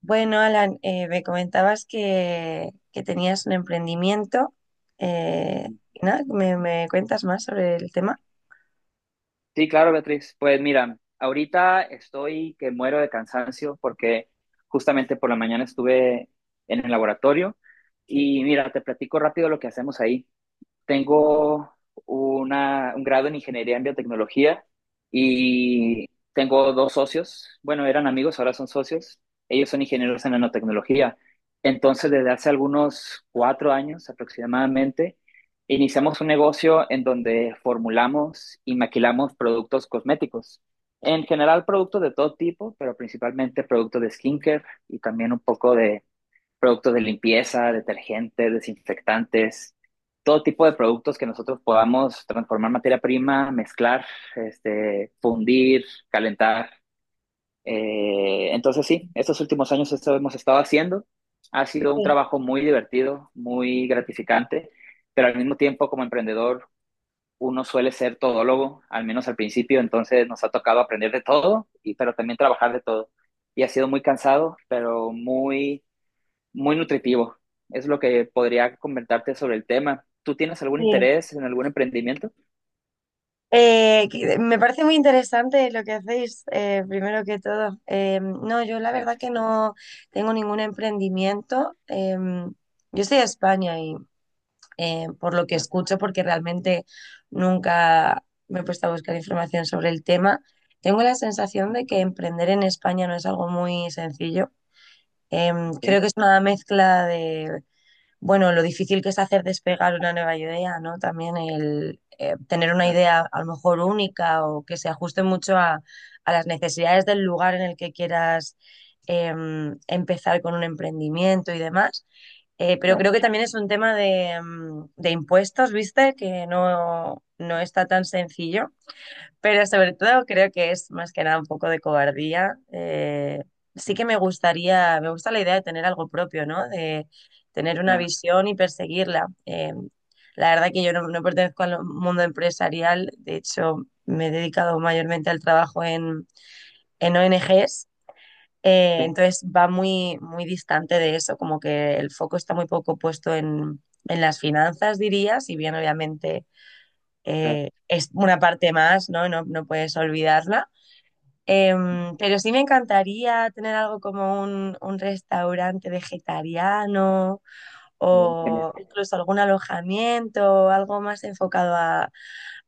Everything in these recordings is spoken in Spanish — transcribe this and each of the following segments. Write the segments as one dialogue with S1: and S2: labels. S1: Bueno, Alan, me comentabas que tenías un emprendimiento. Y nada, me cuentas más sobre el tema?
S2: Sí, claro, Beatriz. Pues mira, ahorita estoy que muero de cansancio porque justamente por la mañana estuve en el laboratorio y mira, te platico rápido lo que hacemos ahí. Tengo un grado en ingeniería en biotecnología y tengo dos socios. Bueno, eran amigos, ahora son socios. Ellos son ingenieros en nanotecnología. Entonces, desde hace algunos 4 años aproximadamente, iniciamos un negocio en donde formulamos y maquilamos productos cosméticos. En general, productos de todo tipo, pero principalmente productos de skincare y también un poco de productos de limpieza, detergentes, desinfectantes, todo tipo de productos que nosotros podamos transformar materia prima, mezclar, fundir, calentar. Entonces sí, estos últimos años eso hemos estado haciendo. Ha sido un
S1: Sí,
S2: trabajo muy divertido, muy gratificante, pero al mismo tiempo como emprendedor uno suele ser todólogo, al menos al principio, entonces nos ha tocado aprender de todo, pero también trabajar de todo. Y ha sido muy cansado, pero muy muy nutritivo. Es lo que podría comentarte sobre el tema. ¿Tú tienes algún
S1: sí.
S2: interés en algún emprendimiento?
S1: Me parece muy interesante lo que hacéis, primero que todo. No, yo la verdad que
S2: Gracias.
S1: no tengo ningún emprendimiento. Yo soy de España y por lo que
S2: Ah,
S1: escucho, porque realmente nunca me he puesto a buscar información sobre el tema, tengo la sensación de que emprender en España no es algo muy sencillo.
S2: ok.
S1: Creo que es una mezcla de, bueno, lo difícil que es hacer despegar una nueva idea, ¿no? También el tener una
S2: Ah,
S1: idea a lo mejor única o que se ajuste mucho a las necesidades del lugar en el que quieras empezar con un emprendimiento y demás. Pero
S2: claro.
S1: creo que también es un tema de, de impuestos, ¿viste? Que no está tan sencillo. Pero sobre todo creo que es más que nada un poco de cobardía. Sí que me gustaría, me gusta la idea de tener algo propio, ¿no? De tener una
S2: Ah,
S1: visión y perseguirla. La verdad que yo no pertenezco al mundo empresarial, de hecho me he dedicado mayormente al trabajo en ONGs,
S2: ok.
S1: entonces va muy, muy distante de eso, como que el foco está muy poco puesto en las finanzas, diría, si bien obviamente
S2: Ah,
S1: es una parte más, ¿no? No puedes olvidarla. Pero sí me encantaría tener algo como un restaurante vegetariano
S2: oh, genial.
S1: o incluso algún alojamiento, algo más enfocado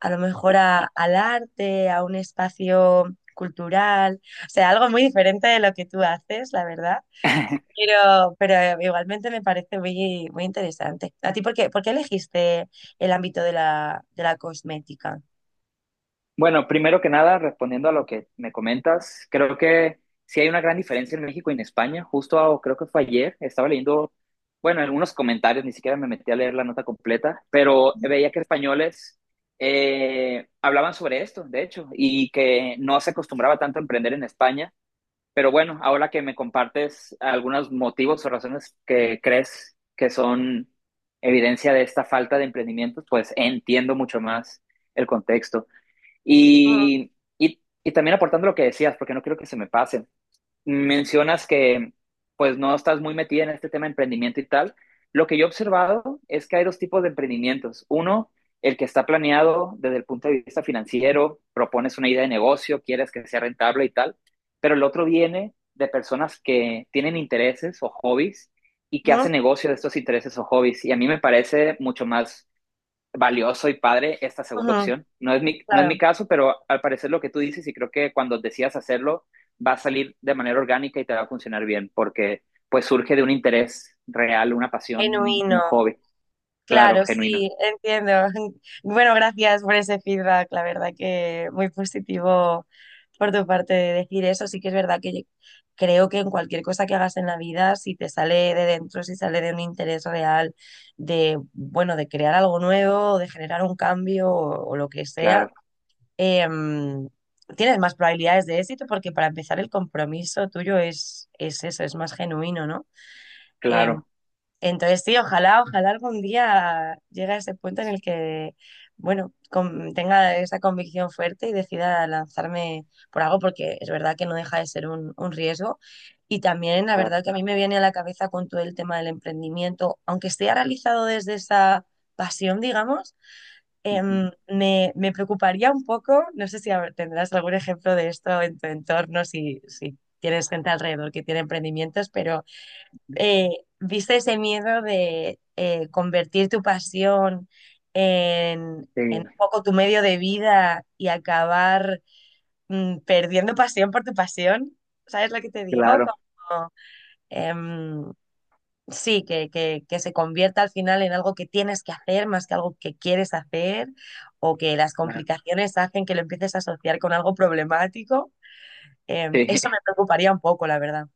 S1: a lo mejor al arte, a un espacio cultural, o sea, algo muy diferente de lo que tú haces, la verdad. Pero igualmente me parece muy, muy interesante. ¿A ti por qué elegiste el ámbito de la cosmética?
S2: Bueno, primero que nada, respondiendo a lo que me comentas, creo que sí hay una gran diferencia en México y en España. Justo creo que fue ayer, estaba leyendo, bueno, algunos comentarios, ni siquiera me metí a leer la nota completa, pero veía que españoles hablaban sobre esto, de hecho, y que no se acostumbraba tanto a emprender en España. Pero bueno, ahora que me compartes algunos motivos o razones que crees que son evidencia de esta falta de emprendimiento pues entiendo mucho más el contexto.
S1: Ujú,
S2: Y, y también aportando lo que decías, porque no quiero que se me pase, mencionas que pues no estás muy metida en este tema de emprendimiento y tal. Lo que yo he observado es que hay dos tipos de emprendimientos. Uno, el que está planeado desde el punto de vista financiero, propones una idea de negocio, quieres que sea rentable y tal, pero el otro viene de personas que tienen intereses o hobbies y que
S1: ujú,
S2: hacen negocio de estos intereses o hobbies. Y a mí me parece mucho más valioso y padre esta segunda
S1: ujú,
S2: opción. No es mi
S1: claro,
S2: caso, pero al parecer lo que tú dices y creo que cuando decidas hacerlo va a salir de manera orgánica y te va a funcionar bien porque pues surge de un interés real, una pasión, un
S1: genuino.
S2: hobby. Claro,
S1: Claro,
S2: genuino.
S1: sí, entiendo. Bueno, gracias por ese feedback, la verdad que muy positivo por tu parte de decir eso. Sí que es verdad que yo creo que en cualquier cosa que hagas en la vida, si te sale de dentro, si sale de un interés real de, bueno, de crear algo nuevo, o de generar un cambio o lo que sea,
S2: Claro,
S1: em, tienes más probabilidades de éxito porque para empezar el compromiso tuyo es eso, es más genuino, ¿no? Em,
S2: claro,
S1: entonces, sí, ojalá, ojalá algún día llegue a ese punto en el que, bueno, tenga esa convicción fuerte y decida lanzarme por algo, porque es verdad que no deja de ser un riesgo. Y también, la verdad
S2: claro.
S1: que a mí me viene a la cabeza con todo el tema del emprendimiento, aunque esté realizado desde esa pasión, digamos,
S2: Ujú,
S1: me preocuparía un poco, no sé si tendrás algún ejemplo de esto en tu entorno, si tienes gente alrededor que tiene emprendimientos,
S2: ujú.
S1: eh, ¿viste ese miedo de convertir tu pasión
S2: Sí,
S1: en un poco tu medio de vida y acabar perdiendo pasión por tu pasión? ¿Sabes lo que te digo?
S2: claro,
S1: Como, em, sí, que se convierta al final en algo que tienes que hacer más que algo que quieres hacer o que las
S2: claro.
S1: complicaciones hacen que lo empieces a asociar con algo problemático.
S2: Sí.
S1: Eso me preocuparía un poco, la verdad.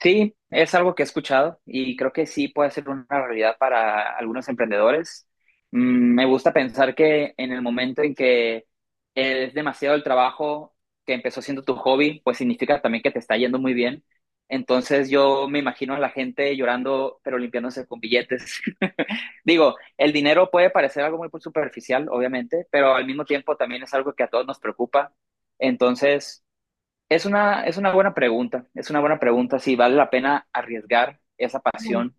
S2: Sí, es algo que he escuchado y creo que sí puede ser una realidad para algunos emprendedores. Me gusta pensar que en el momento en que es demasiado el trabajo que empezó siendo tu hobby, pues significa también que te está yendo muy bien. Entonces yo me imagino a la gente llorando, pero limpiándose con billetes. Digo, el dinero puede parecer algo muy superficial, obviamente, pero al mismo tiempo también es algo que a todos nos preocupa. Entonces... Es una buena pregunta, es una buena pregunta si vale la pena arriesgar esa
S1: Mm.
S2: pasión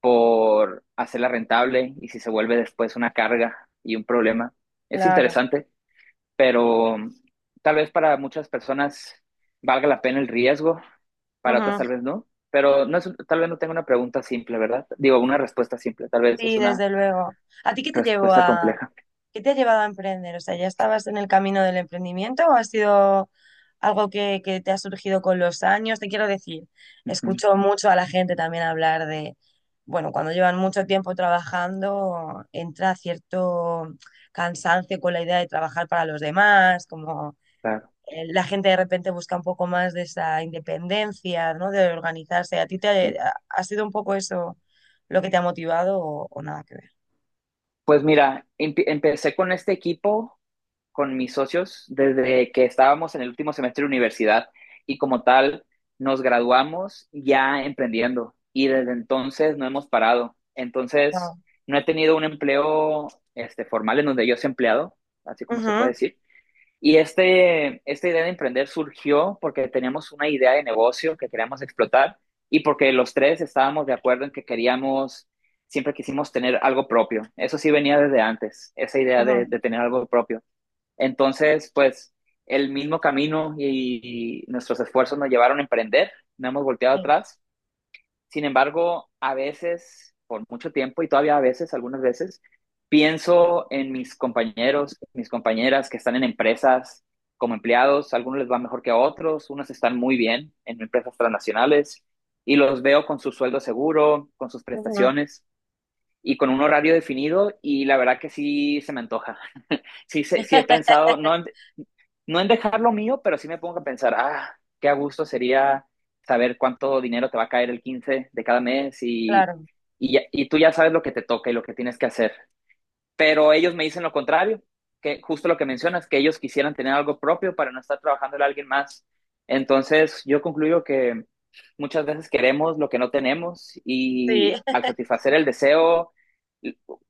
S2: por hacerla rentable y si se vuelve después una carga y un problema. Es
S1: Claro.
S2: interesante, pero tal vez para muchas personas valga la pena el riesgo, para otras
S1: Ujú.
S2: tal vez no, pero no es, tal vez no tenga una pregunta simple, ¿verdad? Digo, una respuesta simple, tal vez es
S1: Sí,
S2: una
S1: desde luego. ¿A ti qué te llevó
S2: respuesta
S1: a,
S2: compleja.
S1: qué te ha llevado a emprender? O sea, ¿ya estabas en el camino del emprendimiento o ha sido algo que te ha surgido con los años? Te quiero decir,
S2: Ujú,
S1: escucho mucho a la gente también hablar de, bueno, cuando llevan mucho tiempo trabajando, entra cierto cansancio con la idea de trabajar para los demás, como
S2: claro,
S1: la gente de repente busca un poco más de esa independencia, ¿no? De organizarse. ¿A ti
S2: sí.
S1: te ha sido un poco eso lo que te ha motivado o nada que ver?
S2: Pues mira, empecé con este equipo con mis socios desde que estábamos en el último semestre de universidad y como tal nos graduamos ya emprendiendo y desde entonces no hemos parado. Entonces,
S1: No.
S2: no he tenido un empleo formal en donde yo sea empleado, así como se puede
S1: Ujú,
S2: decir. Y esta idea de emprender surgió porque teníamos una idea de negocio que queríamos explotar y porque los tres estábamos de acuerdo en que queríamos, siempre quisimos tener algo propio. Eso sí venía desde antes, esa idea de,
S1: ujú,
S2: de tener algo propio. Entonces, pues el mismo camino y, nuestros esfuerzos nos llevaron a emprender, no hemos volteado
S1: sí.
S2: atrás. Sin embargo, a veces, por mucho tiempo y todavía a veces, algunas veces, pienso en mis compañeros, mis compañeras que están en empresas como empleados, a algunos les va mejor que a otros, unos están muy bien en empresas transnacionales y los veo con su sueldo seguro, con sus
S1: Ujú,
S2: prestaciones y con un horario definido y la verdad que sí se me antoja. Sí, sí, sí he pensado, no, no en dejar lo mío, pero sí me pongo a pensar, ah, qué a gusto sería saber cuánto dinero te va a caer el 15 de cada mes y,
S1: claro.
S2: y, ya- y tú ya sabes lo que te toca y lo que tienes que hacer. Pero ellos me dicen lo contrario, que justo lo que mencionas, que ellos quisieran tener algo propio para no estar trabajando a alguien más. Entonces, yo concluyo que muchas veces queremos lo que no tenemos
S1: Sí.
S2: y al satisfacer el deseo,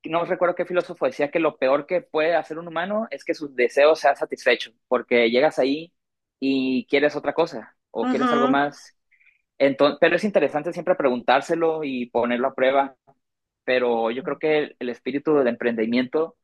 S2: no recuerdo qué filósofo decía que lo peor que puede hacer un humano es que sus deseos sean satisfechos, porque llegas ahí y quieres otra cosa o quieres algo
S1: Ujú,
S2: más. Entonces, pero es interesante siempre preguntárselo y ponerlo a prueba pero yo creo que el espíritu del emprendimiento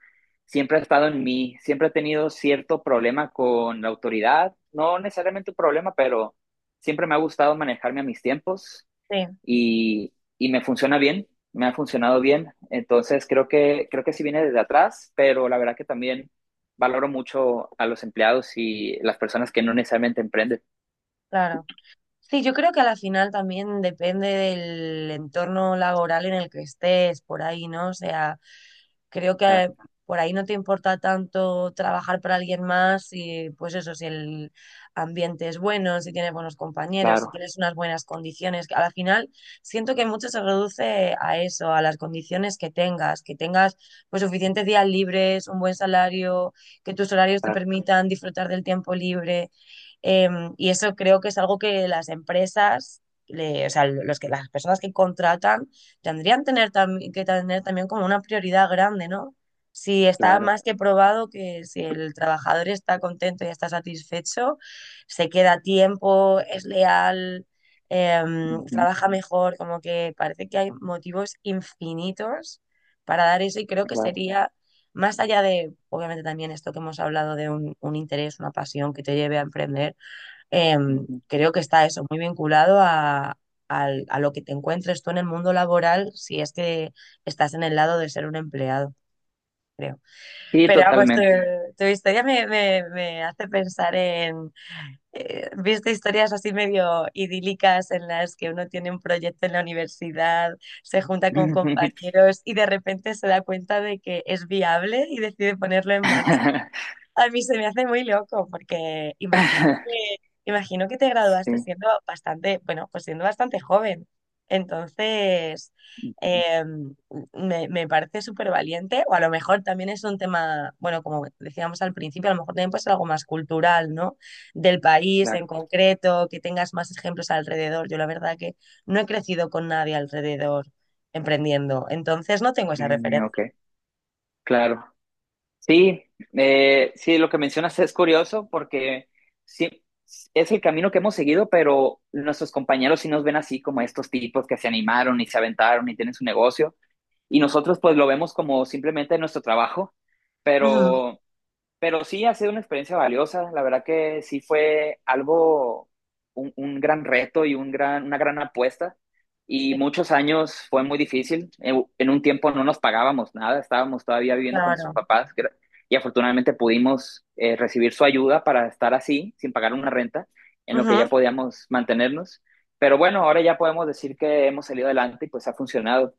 S2: siempre ha estado en mí, siempre he tenido cierto problema con la autoridad, no necesariamente un problema, pero siempre me ha gustado manejarme a mis tiempos
S1: sí,
S2: y, y me funciona bien, me ha funcionado bien, entonces creo que sí viene desde atrás, pero la verdad que también valoro mucho a los empleados y las personas que no necesariamente emprenden.
S1: claro. Sí, yo creo que a la final también depende del entorno laboral en el que estés, por ahí, ¿no? O sea, creo
S2: Claro,
S1: que por ahí no te importa tanto trabajar para alguien más y pues eso, si el ambiente es bueno, si tienes buenos compañeros, si
S2: claro,
S1: tienes unas buenas condiciones, que a la final siento que mucho se reduce a eso, a las condiciones que tengas pues suficientes días libres, un buen salario, que tus horarios te
S2: claro,
S1: permitan disfrutar del tiempo libre, eh, y eso creo que es algo que las empresas, o sea, las personas que contratan tendrían tener que tener también como una prioridad grande, ¿no? Si está
S2: claro,
S1: más que probado que si el trabajador está contento y está satisfecho, se queda a tiempo, es leal,
S2: ujú,
S1: trabaja mejor, como que parece que hay motivos infinitos para dar eso y creo que
S2: claro,
S1: sería más allá de, obviamente también esto que hemos hablado de un interés, una pasión que te lleve a emprender,
S2: ujú.
S1: creo que está eso muy vinculado a, a lo que te encuentres tú en el mundo laboral si es que estás en el lado de ser un empleado, creo.
S2: Sí,
S1: Pero vamos,
S2: totalmente.
S1: tu historia me hace pensar en, viste historias así medio idílicas en las que uno tiene un proyecto en la universidad, se junta con compañeros y de repente se da cuenta de que es viable y decide ponerlo en marcha. A mí se me hace muy loco porque imagino que te graduaste
S2: Sí,
S1: siendo bastante, bueno, pues siendo bastante joven. Entonces, eh, me parece súper valiente, o a lo mejor también es un tema, bueno, como decíamos al principio, a lo mejor también puede ser algo más cultural, ¿no? Del país
S2: claro.
S1: en concreto, que tengas más ejemplos alrededor. Yo la verdad que no he crecido con nadie alrededor emprendiendo, entonces no tengo esa
S2: Mm, ok,
S1: referencia.
S2: claro. Sí, sí, lo que mencionas es curioso porque sí, es el camino que hemos seguido, pero nuestros compañeros sí nos ven así como estos tipos que se animaron y se aventaron y tienen su negocio. Y nosotros pues lo vemos como simplemente nuestro trabajo,
S1: Ujú,
S2: pero Pero sí ha sido una experiencia valiosa, la verdad que sí fue algo, un gran reto y una gran apuesta. Y
S1: sí,
S2: muchos años fue muy difícil. En un tiempo no nos pagábamos nada, estábamos todavía viviendo con nuestros
S1: claro.
S2: papás, y afortunadamente pudimos recibir su ayuda para estar así, sin pagar una renta, en lo que ya
S1: Ujú,
S2: podíamos mantenernos. Pero bueno, ahora ya podemos decir que hemos salido adelante y pues ha funcionado.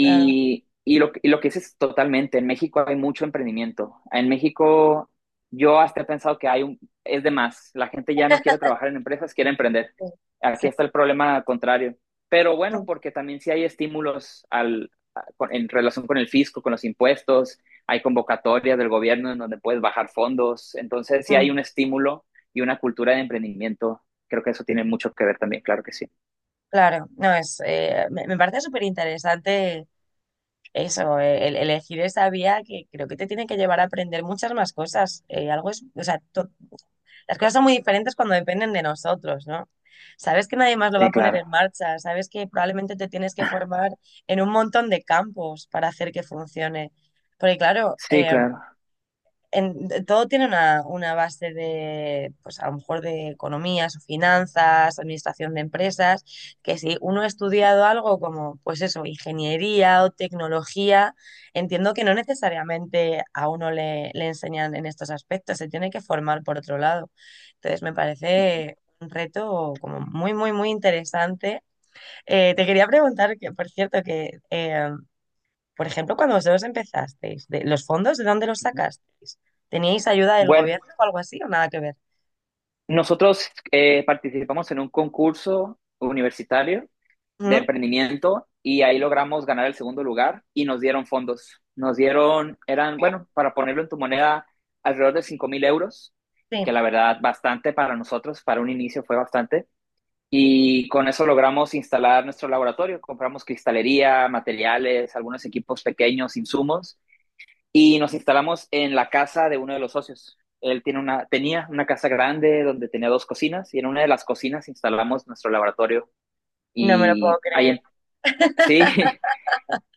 S1: claro.
S2: y lo, y lo que dices totalmente, en México hay mucho emprendimiento. En México yo hasta he pensado que hay es de más, la gente ya no quiere trabajar en empresas, quiere emprender.
S1: Sí.
S2: Aquí
S1: Sí.
S2: está el problema contrario. Pero bueno,
S1: Mm.
S2: porque también sí hay estímulos en relación con el fisco, con los impuestos, hay convocatorias del gobierno en donde puedes bajar fondos. Entonces sí hay
S1: Mm.
S2: un estímulo y una cultura de emprendimiento. Creo que eso tiene mucho que ver también, claro que sí.
S1: Claro, no es, me, me parece súper interesante eso, elegir esa vía que creo que te tiene que llevar a aprender muchas más cosas. O sea, las cosas son muy diferentes cuando dependen de nosotros, ¿no? Sabes que nadie más lo va a
S2: Sí,
S1: poner
S2: claro.
S1: en marcha, sabes que probablemente te tienes que formar en un montón de campos para hacer que funcione. Porque claro,
S2: Sí, claro.
S1: todo tiene una base de, pues a lo mejor de economías o finanzas, administración de empresas, que si uno ha estudiado algo como, pues eso, ingeniería o tecnología, entiendo que no necesariamente a uno le enseñan en estos aspectos, se tiene que formar por otro lado. Entonces me parece un reto como muy, muy, muy interesante. Te quería preguntar, que por cierto, que... por ejemplo, cuando vosotros empezasteis, de, ¿los fondos de dónde los
S2: Ujú.
S1: sacasteis? ¿Teníais ayuda del
S2: Bueno.
S1: gobierno o algo así o nada que ver?
S2: Nosotros participamos en un concurso universitario de
S1: Ujú.
S2: emprendimiento y ahí logramos ganar el segundo lugar y nos dieron fondos. Nos dieron, eran, bueno, para ponerlo en tu moneda, alrededor de 5 mil euros, que
S1: Sí,
S2: la verdad bastante para nosotros, para un inicio fue bastante. Y con eso logramos instalar nuestro laboratorio. Compramos cristalería, materiales, algunos equipos pequeños, insumos y nos instalamos en la casa de uno de los socios. Él tenía una casa grande donde tenía dos cocinas y en una de las cocinas instalamos nuestro laboratorio
S1: no me lo puedo
S2: y ahí,
S1: creer.
S2: sí,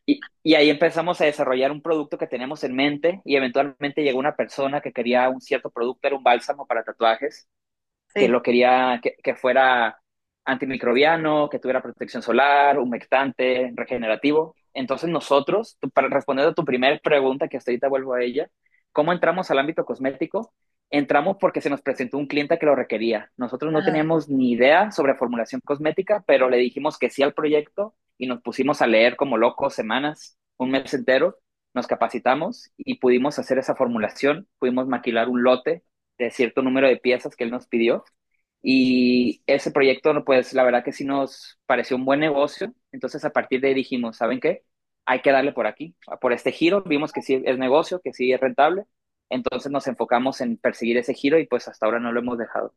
S2: y ahí empezamos a desarrollar un producto que teníamos en mente y eventualmente llegó una persona que quería un cierto producto, era un bálsamo para tatuajes que
S1: Sí.
S2: lo quería que fuera antimicrobiano, que tuviera protección solar, humectante, regenerativo. Entonces nosotros, para responder a tu primera pregunta, que hasta ahorita vuelvo a ella, ¿cómo entramos al ámbito cosmético? Entramos porque se nos presentó un cliente que lo requería. Nosotros no
S1: Ajá.
S2: teníamos ni idea sobre formulación cosmética, pero le dijimos que sí al proyecto y nos pusimos a leer como locos semanas, un mes entero, nos capacitamos y pudimos hacer esa formulación, pudimos maquilar un lote de cierto número de piezas que él nos pidió. Y ese proyecto, pues la verdad que sí nos pareció un buen negocio. Entonces a partir de ahí dijimos, ¿saben qué? Hay que darle por aquí, ah, por este giro. Vimos que sí es negocio, que sí es rentable. Entonces nos enfocamos en perseguir ese giro y pues hasta ahora no lo hemos dejado.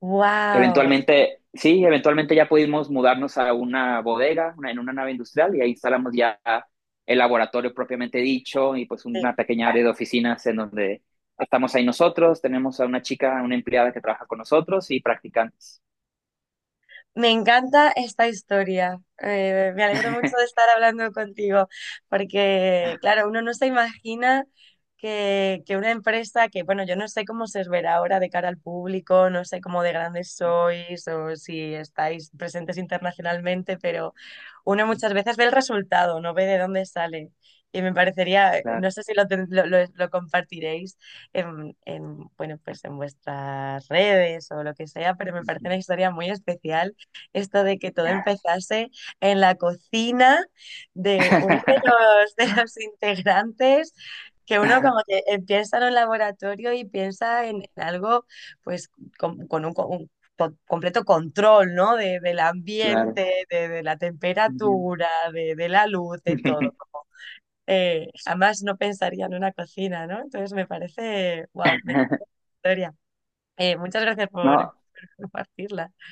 S1: Wow.
S2: Eventualmente, sí, eventualmente ya pudimos mudarnos a una bodega, en una nave industrial, y ahí instalamos ya el laboratorio propiamente dicho y pues una pequeña área de oficinas en donde estamos ahí nosotros, tenemos a una chica, una empleada que trabaja con nosotros y practicantes.
S1: Me encanta esta historia. Me alegro mucho de estar hablando contigo, porque, claro, uno no se imagina que una empresa que, bueno, yo no sé cómo se os verá ahora de cara al público, no sé cómo de grandes sois o si estáis presentes internacionalmente, pero uno muchas veces ve el resultado, no ve de dónde sale. Y me parecería, no
S2: Claro.
S1: sé si lo, ten- lo compartiréis bueno, pues en vuestras redes o lo que sea, pero me parece
S2: Ujú.
S1: una historia muy especial esto de que todo empezase en la cocina de uno de los, de los integrantes, que uno como que piensa en un laboratorio y piensa en algo pues con, un completo control, ¿no? Del
S2: Claro.
S1: ambiente, de la
S2: Ujú.
S1: temperatura, de la luz, de todo. Como, jamás no pensaría en una cocina, ¿no? Entonces me parece, wow, me encanta la historia. Muchas gracias por
S2: No,
S1: por compartirla.